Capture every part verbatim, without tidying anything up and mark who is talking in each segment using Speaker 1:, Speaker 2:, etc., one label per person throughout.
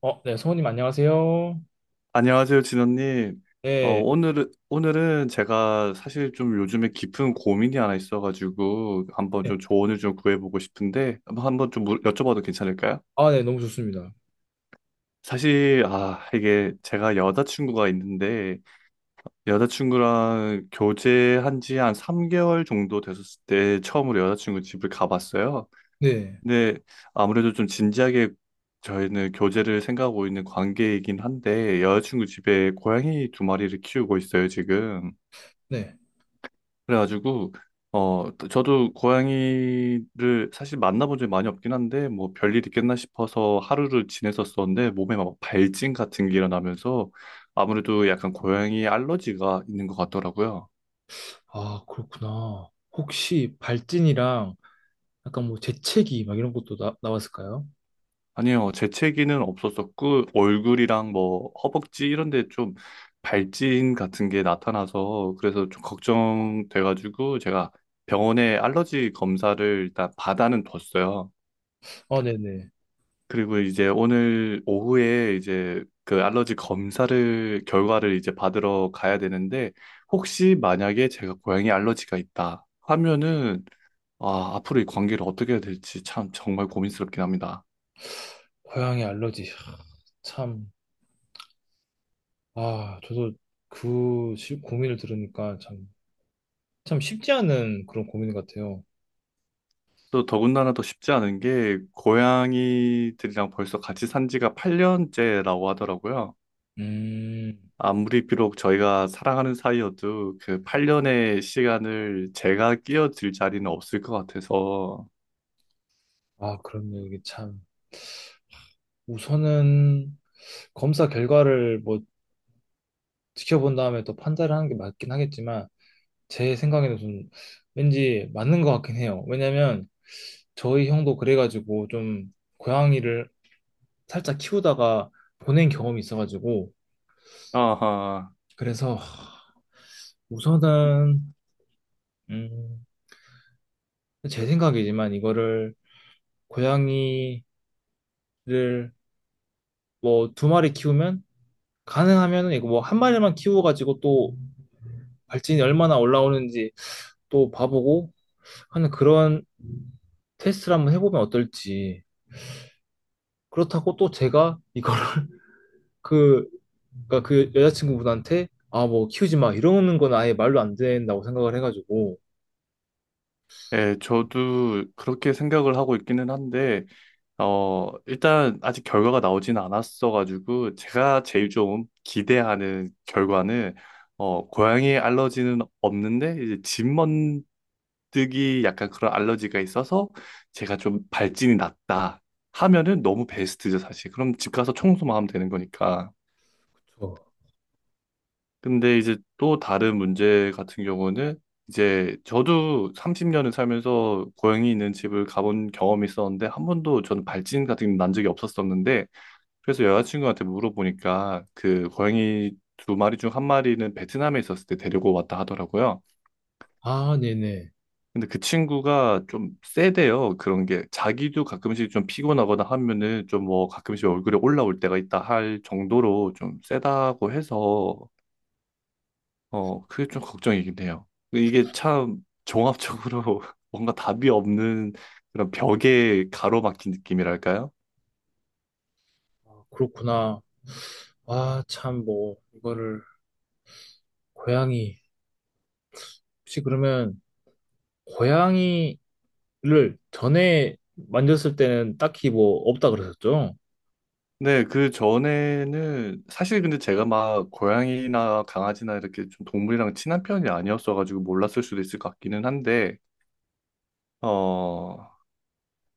Speaker 1: 어, 네, 성우님 안녕하세요.
Speaker 2: 안녕하세요, 진원님. 어,
Speaker 1: 네,
Speaker 2: 오늘은, 오늘은 제가 사실 좀 요즘에 깊은 고민이 하나 있어가지고 한번
Speaker 1: 네.
Speaker 2: 좀 조언을 좀 구해보고 싶은데 한번 한번 좀 물- 여쭤봐도 괜찮을까요?
Speaker 1: 아, 네, 너무 좋습니다.
Speaker 2: 사실, 아, 이게 제가 여자친구가 있는데 여자친구랑 교제한 지 한 삼 개월 정도 됐었을 때 처음으로 여자친구 집을 가봤어요.
Speaker 1: 네,
Speaker 2: 근데 아무래도 좀 진지하게 저희는 교제를 생각하고 있는 관계이긴 한데 여자친구 집에 고양이 두 마리를 키우고 있어요, 지금.
Speaker 1: 네.
Speaker 2: 그래가지고 어 저도 고양이를 사실 만나본 적이 많이 없긴 한데 뭐 별일 있겠나 싶어서 하루를 지냈었었는데 몸에 막 발진 같은 게 일어나면서 아무래도 약간 고양이 알러지가 있는 것 같더라고요.
Speaker 1: 아, 그렇구나. 혹시 발진이랑 약간 뭐 재채기 막 이런 것도 나, 나왔을까요?
Speaker 2: 아니요, 재채기는 없었었고, 얼굴이랑 뭐, 허벅지 이런 데 좀 발진 같은 게 나타나서, 그래서 좀 걱정돼가지고, 제가 병원에 알러지 검사를 일단 받아는 뒀어요.
Speaker 1: 아, 네네.
Speaker 2: 그리고 이제 오늘 오후에 이제 그 알러지 검사를, 결과를 이제 받으러 가야 되는데, 혹시 만약에 제가 고양이 알러지가 있다 하면은, 아, 앞으로 이 관계를 어떻게 해야 될지 참 정말 고민스럽긴 합니다.
Speaker 1: 고양이 알러지. 하, 참, 아, 저도 그 시- 고민을 들으니까 참, 참 쉽지 않은 그런 고민 같아요.
Speaker 2: 또 더군다나 더 쉽지 않은 게 고양이들이랑 벌써 같이 산 지가 팔 년째라고 하더라고요.
Speaker 1: 음.
Speaker 2: 아무리 비록 저희가 사랑하는 사이여도 그 팔 년의 시간을 제가 끼어들 자리는 없을 것 같아서.
Speaker 1: 아, 그렇네요. 이게 참. 우선은 검사 결과를 뭐 지켜본 다음에 또 판단을 하는 게 맞긴 하겠지만, 제 생각에는 좀 왠지 맞는 것 같긴 해요. 왜냐면 저희 형도 그래가지고 좀 고양이를 살짝 키우다가 보낸 경험이 있어가지고
Speaker 2: 아하.
Speaker 1: 그래서 우선은 음, 제 생각이지만 이거를 고양이를 뭐 두 마리 키우면 가능하면은 이거 뭐 한 마리만 키워가지고 또 발진이 얼마나 올라오는지 또 봐보고 하는 그런 테스트를 한번 해보면 어떨지. 그렇다고 또 제가 이걸 그, 그러니까 그 여자친구분한테 아, 뭐 키우지 마 이러는 건 아예 말로 안 된다고 생각을 해가지고.
Speaker 2: 예, 저도 그렇게 생각을 하고 있기는 한데 어, 일단 아직 결과가 나오진 않았어가지고 제가 제일 좀 기대하는 결과는 어, 고양이 알러지는 없는데 이제 집 먼뜨기 약간 그런 알러지가 있어서 제가 좀 발진이 났다 하면은 너무 베스트죠, 사실. 그럼 집 가서 청소만 하면 되는 거니까.
Speaker 1: 그쵸.
Speaker 2: 근데 이제 또 다른 문제 같은 경우는 이제 저도 삼십 년을 살면서 고양이 있는 집을 가본 경험이 있었는데 한 번도 저는 발진 같은 게 난 적이 없었었는데 그래서 여자친구한테 물어보니까 그 고양이 두 마리 중 한 마리는 베트남에 있었을 때 데리고 왔다 하더라고요.
Speaker 1: 아, 네네.
Speaker 2: 근데 그 친구가 좀 세대요. 그런 게 자기도 가끔씩 좀 피곤하거나 하면은 좀 뭐 가끔씩 얼굴에 올라올 때가 있다 할 정도로 좀 세다고 해서 어 그게 좀 걱정이긴 해요. 이게 참 종합적으로 뭔가 답이 없는 그런 벽에 가로막힌 느낌이랄까요?
Speaker 1: 아, 그렇구나. 아, 참, 뭐, 이거를, 고양이. 혹시 그러면, 고양이를 전에 만졌을 때는 딱히 뭐, 없다 그러셨죠?
Speaker 2: 네, 그 전에는 사실 근데 제가 막 고양이나 강아지나 이렇게 좀 동물이랑 친한 편이 아니었어가지고 몰랐을 수도 있을 것 같기는 한데, 어,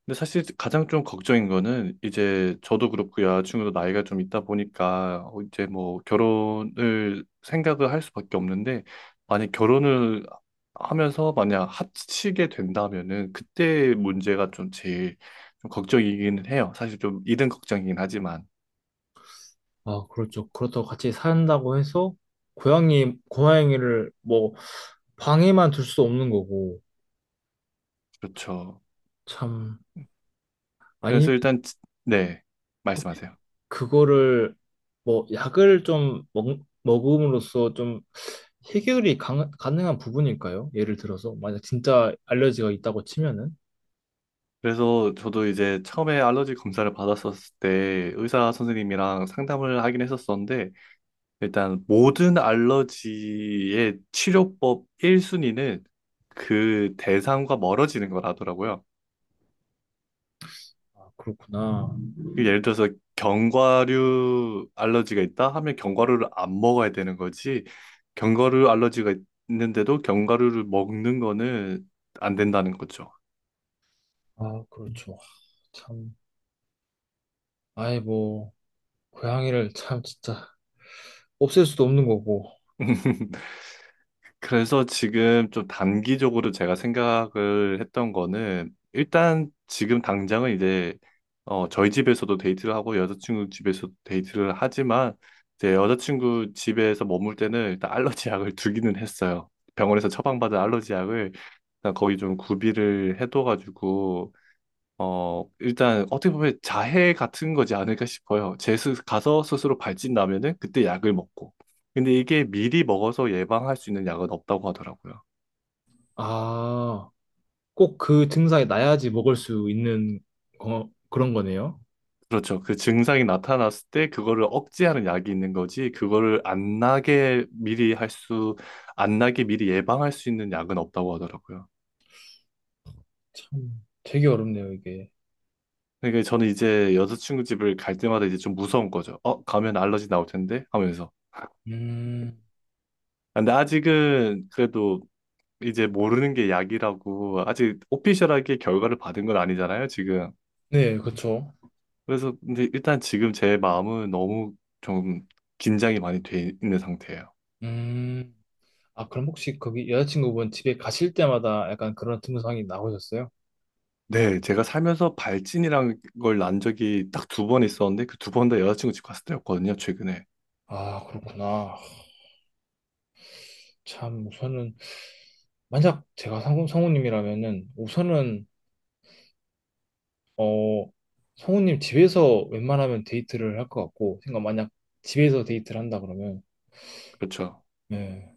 Speaker 2: 근데 사실 가장 좀 걱정인 거는 이제 저도 그렇고 여자친구도 나이가 좀 있다 보니까 어, 이제 뭐 결혼을 생각을 할 수밖에 없는데, 만약 결혼을 하면서 만약 합치게 된다면은 그때 문제가 좀 제일 좀 걱정이기는 해요. 사실 좀 이른 걱정이긴 하지만,
Speaker 1: 아, 그렇죠. 그렇다고 같이 산다고 해서, 고양이, 고양이를 뭐, 방에만 둘 수 없는 거고.
Speaker 2: 그렇죠.
Speaker 1: 참,
Speaker 2: 그래서
Speaker 1: 아니,
Speaker 2: 일단 지- 네, 말씀하세요.
Speaker 1: 그거를 뭐 약을 좀 먹, 먹음으로써 좀 해결이 강, 가능한 부분일까요? 예를 들어서 만약 진짜 알레르기가 있다고 치면은.
Speaker 2: 그래서 저도 이제 처음에 알러지 검사를 받았었을 때 의사 선생님이랑 상담을 하긴 했었었는데 일단 모든 알러지의 치료법 일 순위는 그 대상과 멀어지는 거라더라고요.
Speaker 1: 아, 그렇구나.
Speaker 2: 그 예를 들어서 견과류 알러지가 있다 하면 견과류를 안 먹어야 되는 거지. 견과류 알러지가 있는데도 견과류를 먹는 거는 안 된다는 거죠.
Speaker 1: 아, 그렇죠. 참, 아예 뭐 고양이를 참 진짜 없앨 수도 없는 거고.
Speaker 2: 그래서 지금 좀 단기적으로 제가 생각을 했던 거는 일단 지금 당장은 이제 어 저희 집에서도 데이트를 하고 여자친구 집에서도 데이트를 하지만 이제 여자친구 집에서 머물 때는 일단 알러지 약을 두기는 했어요. 병원에서 처방받은 알러지 약을 일단 거의 좀 구비를 해둬가지고 어, 일단 어떻게 보면 자해 같은 거지 않을까 싶어요. 제 스, 가서 스스로 발진나면은 그때 약을 먹고. 근데 이게 미리 먹어서 예방할 수 있는 약은 없다고 하더라고요.
Speaker 1: 아, 꼭 그 증상이 나야지 먹을 수 있는 거, 그런 거네요.
Speaker 2: 그렇죠. 그 증상이 나타났을 때 그거를 억제하는 약이 있는 거지, 그거를 안 나게 미리 할 수, 안 나게 미리 예방할 수 있는 약은 없다고 하더라고요.
Speaker 1: 참, 되게 어렵네요, 이게.
Speaker 2: 그러니까 저는 이제 여자친구 집을 갈 때마다 이제 좀 무서운 거죠. 어, 가면 알러지 나올 텐데? 하면서.
Speaker 1: 음.
Speaker 2: 근데 아직은 그래도 이제 모르는 게 약이라고 아직 오피셜하게 결과를 받은 건 아니잖아요, 지금.
Speaker 1: 네, 그렇죠.
Speaker 2: 그래서 근데 일단 지금 제 마음은 너무 좀 긴장이 많이 돼 있는 상태예요.
Speaker 1: 음. 아, 그럼 혹시 거기 여자친구분 집에 가실 때마다 약간 그런 증상이 나오셨어요?
Speaker 2: 네, 제가 살면서 발진이란 걸 난 적이 딱 두 번 있었는데 그 두 번 다 여자친구 집 갔을 때였거든요, 최근에.
Speaker 1: 아, 그렇구나. 참, 우선은, 만약 제가 성우, 성우님이라면은, 우선은, 어, 성우님 집에서 웬만하면 데이트를 할 것 같고, 그러니까 만약 집에서 데이트를 한다 그러면,
Speaker 2: 그렇죠.
Speaker 1: 네.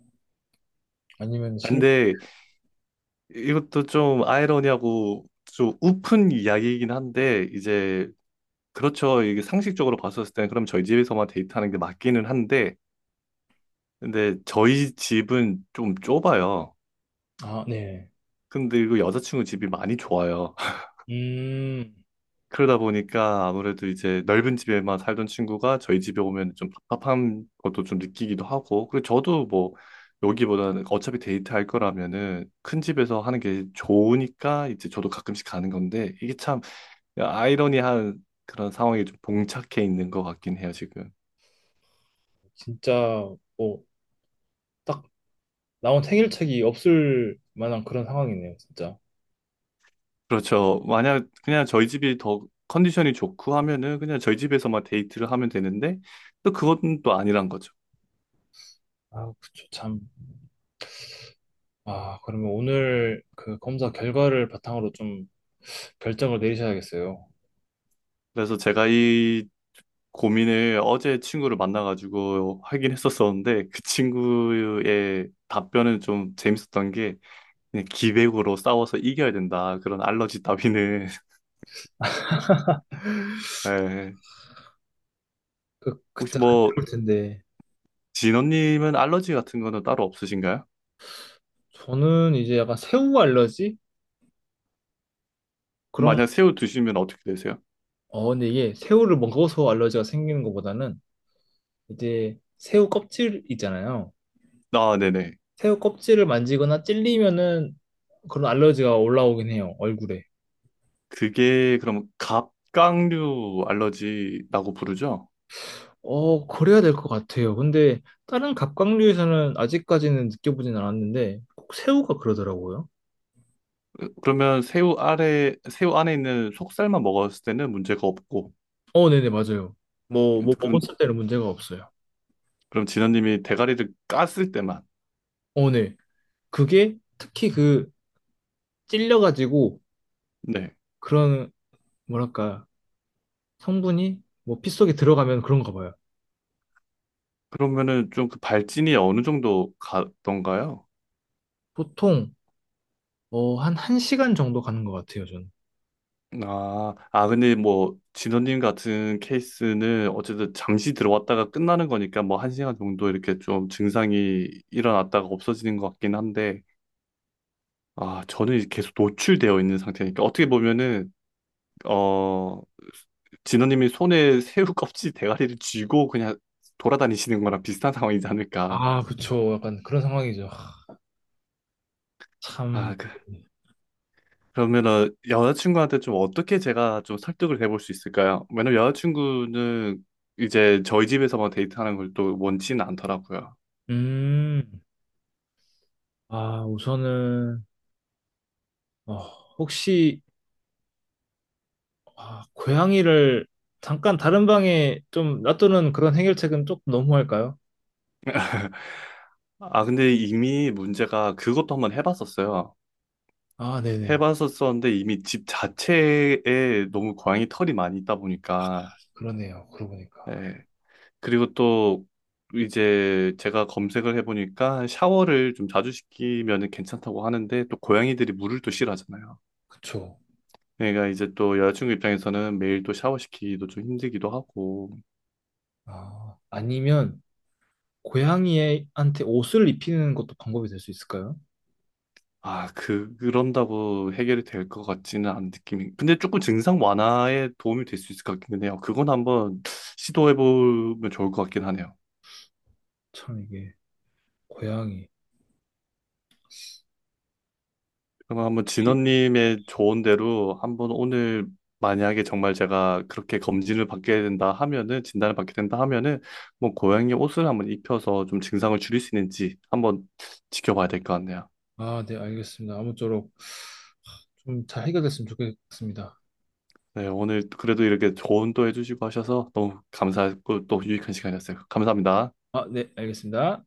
Speaker 1: 아니면
Speaker 2: 아,
Speaker 1: 실,
Speaker 2: 근데 이것도 좀 아이러니하고 좀 우픈 이야기이긴 한데 이제 그렇죠. 이게 상식적으로 봤었을 때는 그럼 저희 집에서만 데이트하는 게 맞기는 한데 근데 저희 집은 좀 좁아요.
Speaker 1: 아, 네.
Speaker 2: 근데 이거 여자친구 집이 많이 좋아요.
Speaker 1: 음,
Speaker 2: 그러다 보니까 아무래도 이제 넓은 집에만 살던 친구가 저희 집에 오면 좀 답답한 것도 좀 느끼기도 하고. 그리고 저도 뭐 여기보다는 어차피 데이트할 거라면은 큰 집에서 하는 게 좋으니까 이제 저도 가끔씩 가는 건데 이게 참 아이러니한 그런 상황에 좀 봉착해 있는 것 같긴 해요, 지금.
Speaker 1: 진짜, 뭐, 딱 나온 해결책이 없을 만한 그런 상황이네요, 진짜.
Speaker 2: 그렇죠. 만약 그냥 저희 집이 더 컨디션이 좋고 하면은 그냥 저희 집에서만 데이트를 하면 되는데 또 그건 또 아니란 거죠.
Speaker 1: 아, 그쵸, 참. 아, 그러면 오늘 그 검사 결과를 바탕으로 좀 결정을 내리셔야겠어요.
Speaker 2: 그래서 제가 이 고민을 어제 친구를 만나가지고 하긴 했었었는데 그 친구의 답변은 좀 재밌었던 게 그냥 기백으로 싸워서 이겨야 된다. 그런 알러지 따위는. 예.
Speaker 1: 그,
Speaker 2: 혹시
Speaker 1: 그때 같이
Speaker 2: 뭐
Speaker 1: 올 텐데.
Speaker 2: 진원님은 알러지 같은 거는 따로 없으신가요?
Speaker 1: 저는 이제 약간 새우 알러지? 그런,
Speaker 2: 만약 새우 드시면 어떻게 되세요?
Speaker 1: 어, 근데 이게 새우를 먹어서 알러지가 생기는 것보다는 이제 새우 껍질 있잖아요.
Speaker 2: 아, 네네.
Speaker 1: 새우 껍질을 만지거나 찔리면은 그런 알러지가 올라오긴 해요, 얼굴에.
Speaker 2: 그게 그럼 갑각류 알러지라고 부르죠?
Speaker 1: 어, 그래야 될 것 같아요. 근데 다른 갑각류에서는 아직까지는 느껴보진 않았는데 꼭 새우가 그러더라고요.
Speaker 2: 으, 그러면 새우 아래 새우 안에 있는 속살만 먹었을 때는 문제가 없고
Speaker 1: 어, 네네, 맞아요. 뭐, 음, 뭐
Speaker 2: 그럼
Speaker 1: 먹었을 때는 문제가 없어요.
Speaker 2: 그럼 진원님이 대가리를 깠을 때만
Speaker 1: 어, 네. 그게 특히 그 찔려가지고
Speaker 2: 네
Speaker 1: 그런, 뭐랄까, 성분이 뭐 피 속에 들어가면 그런가 봐요.
Speaker 2: 그러면은 좀 그 발진이 어느 정도 가던가요?
Speaker 1: 보통, 어, 한 1시간 정도 가는 것 같아요, 저는.
Speaker 2: 아, 아 근데 뭐 진원님 같은 케이스는 어쨌든 잠시 들어왔다가 끝나는 거니까 뭐 한 시간 정도 이렇게 좀 증상이 일어났다가 없어지는 것 같긴 한데 아, 저는 이제 계속 노출되어 있는 상태니까 그러니까 어떻게 보면은 어 진호님이 손에 새우 껍질 대가리를 쥐고 그냥 돌아다니시는 거랑 비슷한 상황이지 않을까.
Speaker 1: 아, 그쵸. 약간 그런 상황이죠. 하, 참.
Speaker 2: 아, 그, 그러면은 여자친구한테 좀 어떻게 제가 좀 설득을 해볼 수 있을까요? 왜냐면 여자친구는 이제 저희 집에서만 데이트하는 걸 또 원치는 않더라고요.
Speaker 1: 음. 아, 우선은, 어, 혹시, 아, 고양이를 잠깐 다른 방에 좀 놔두는 그런 해결책은 조금 너무할까요?
Speaker 2: 아, 근데 이미 문제가 그것도 한번 해봤었어요.
Speaker 1: 아, 네네.
Speaker 2: 해봤었었는데 이미 집 자체에 너무 고양이 털이 많이 있다 보니까
Speaker 1: 그러네요. 그러고 보니까.
Speaker 2: 예. 그리고 또 이제 제가 검색을 해보니까 샤워를 좀 자주 시키면 괜찮다고 하는데 또 고양이들이 물을 또 싫어하잖아요.
Speaker 1: 그쵸.
Speaker 2: 그러니까 이제 또 여자친구 입장에서는 매일 또 샤워시키기도 좀 힘들기도 하고
Speaker 1: 아, 아니면 고양이한테 옷을 입히는 것도 방법이 될 수 있을까요?
Speaker 2: 아, 그, 그런다고 해결이 될 것 같지는 않은 느낌이 근데 조금 증상 완화에 도움이 될 수 있을 것 같기는 해요. 그건 한번 시도해보면 좋을 것 같긴 하네요.
Speaker 1: 참 이게 고양이.
Speaker 2: 그럼 한번 진원님의 조언대로 한번 오늘 만약에 정말 제가 그렇게 검진을 받게 된다 하면은 진단을 받게 된다 하면은 뭐 고양이 옷을 한번 입혀서 좀 증상을 줄일 수 있는지 한번 지켜봐야 될 것 같네요.
Speaker 1: 아, 네, 알겠습니다. 아무쪼록 좀 잘 해결됐으면 좋겠습니다.
Speaker 2: 네, 오늘 그래도 이렇게 조언도 해주시고 하셔서 너무 감사했고 또 유익한 시간이었어요. 감사합니다.
Speaker 1: 아, 네, 알겠습니다.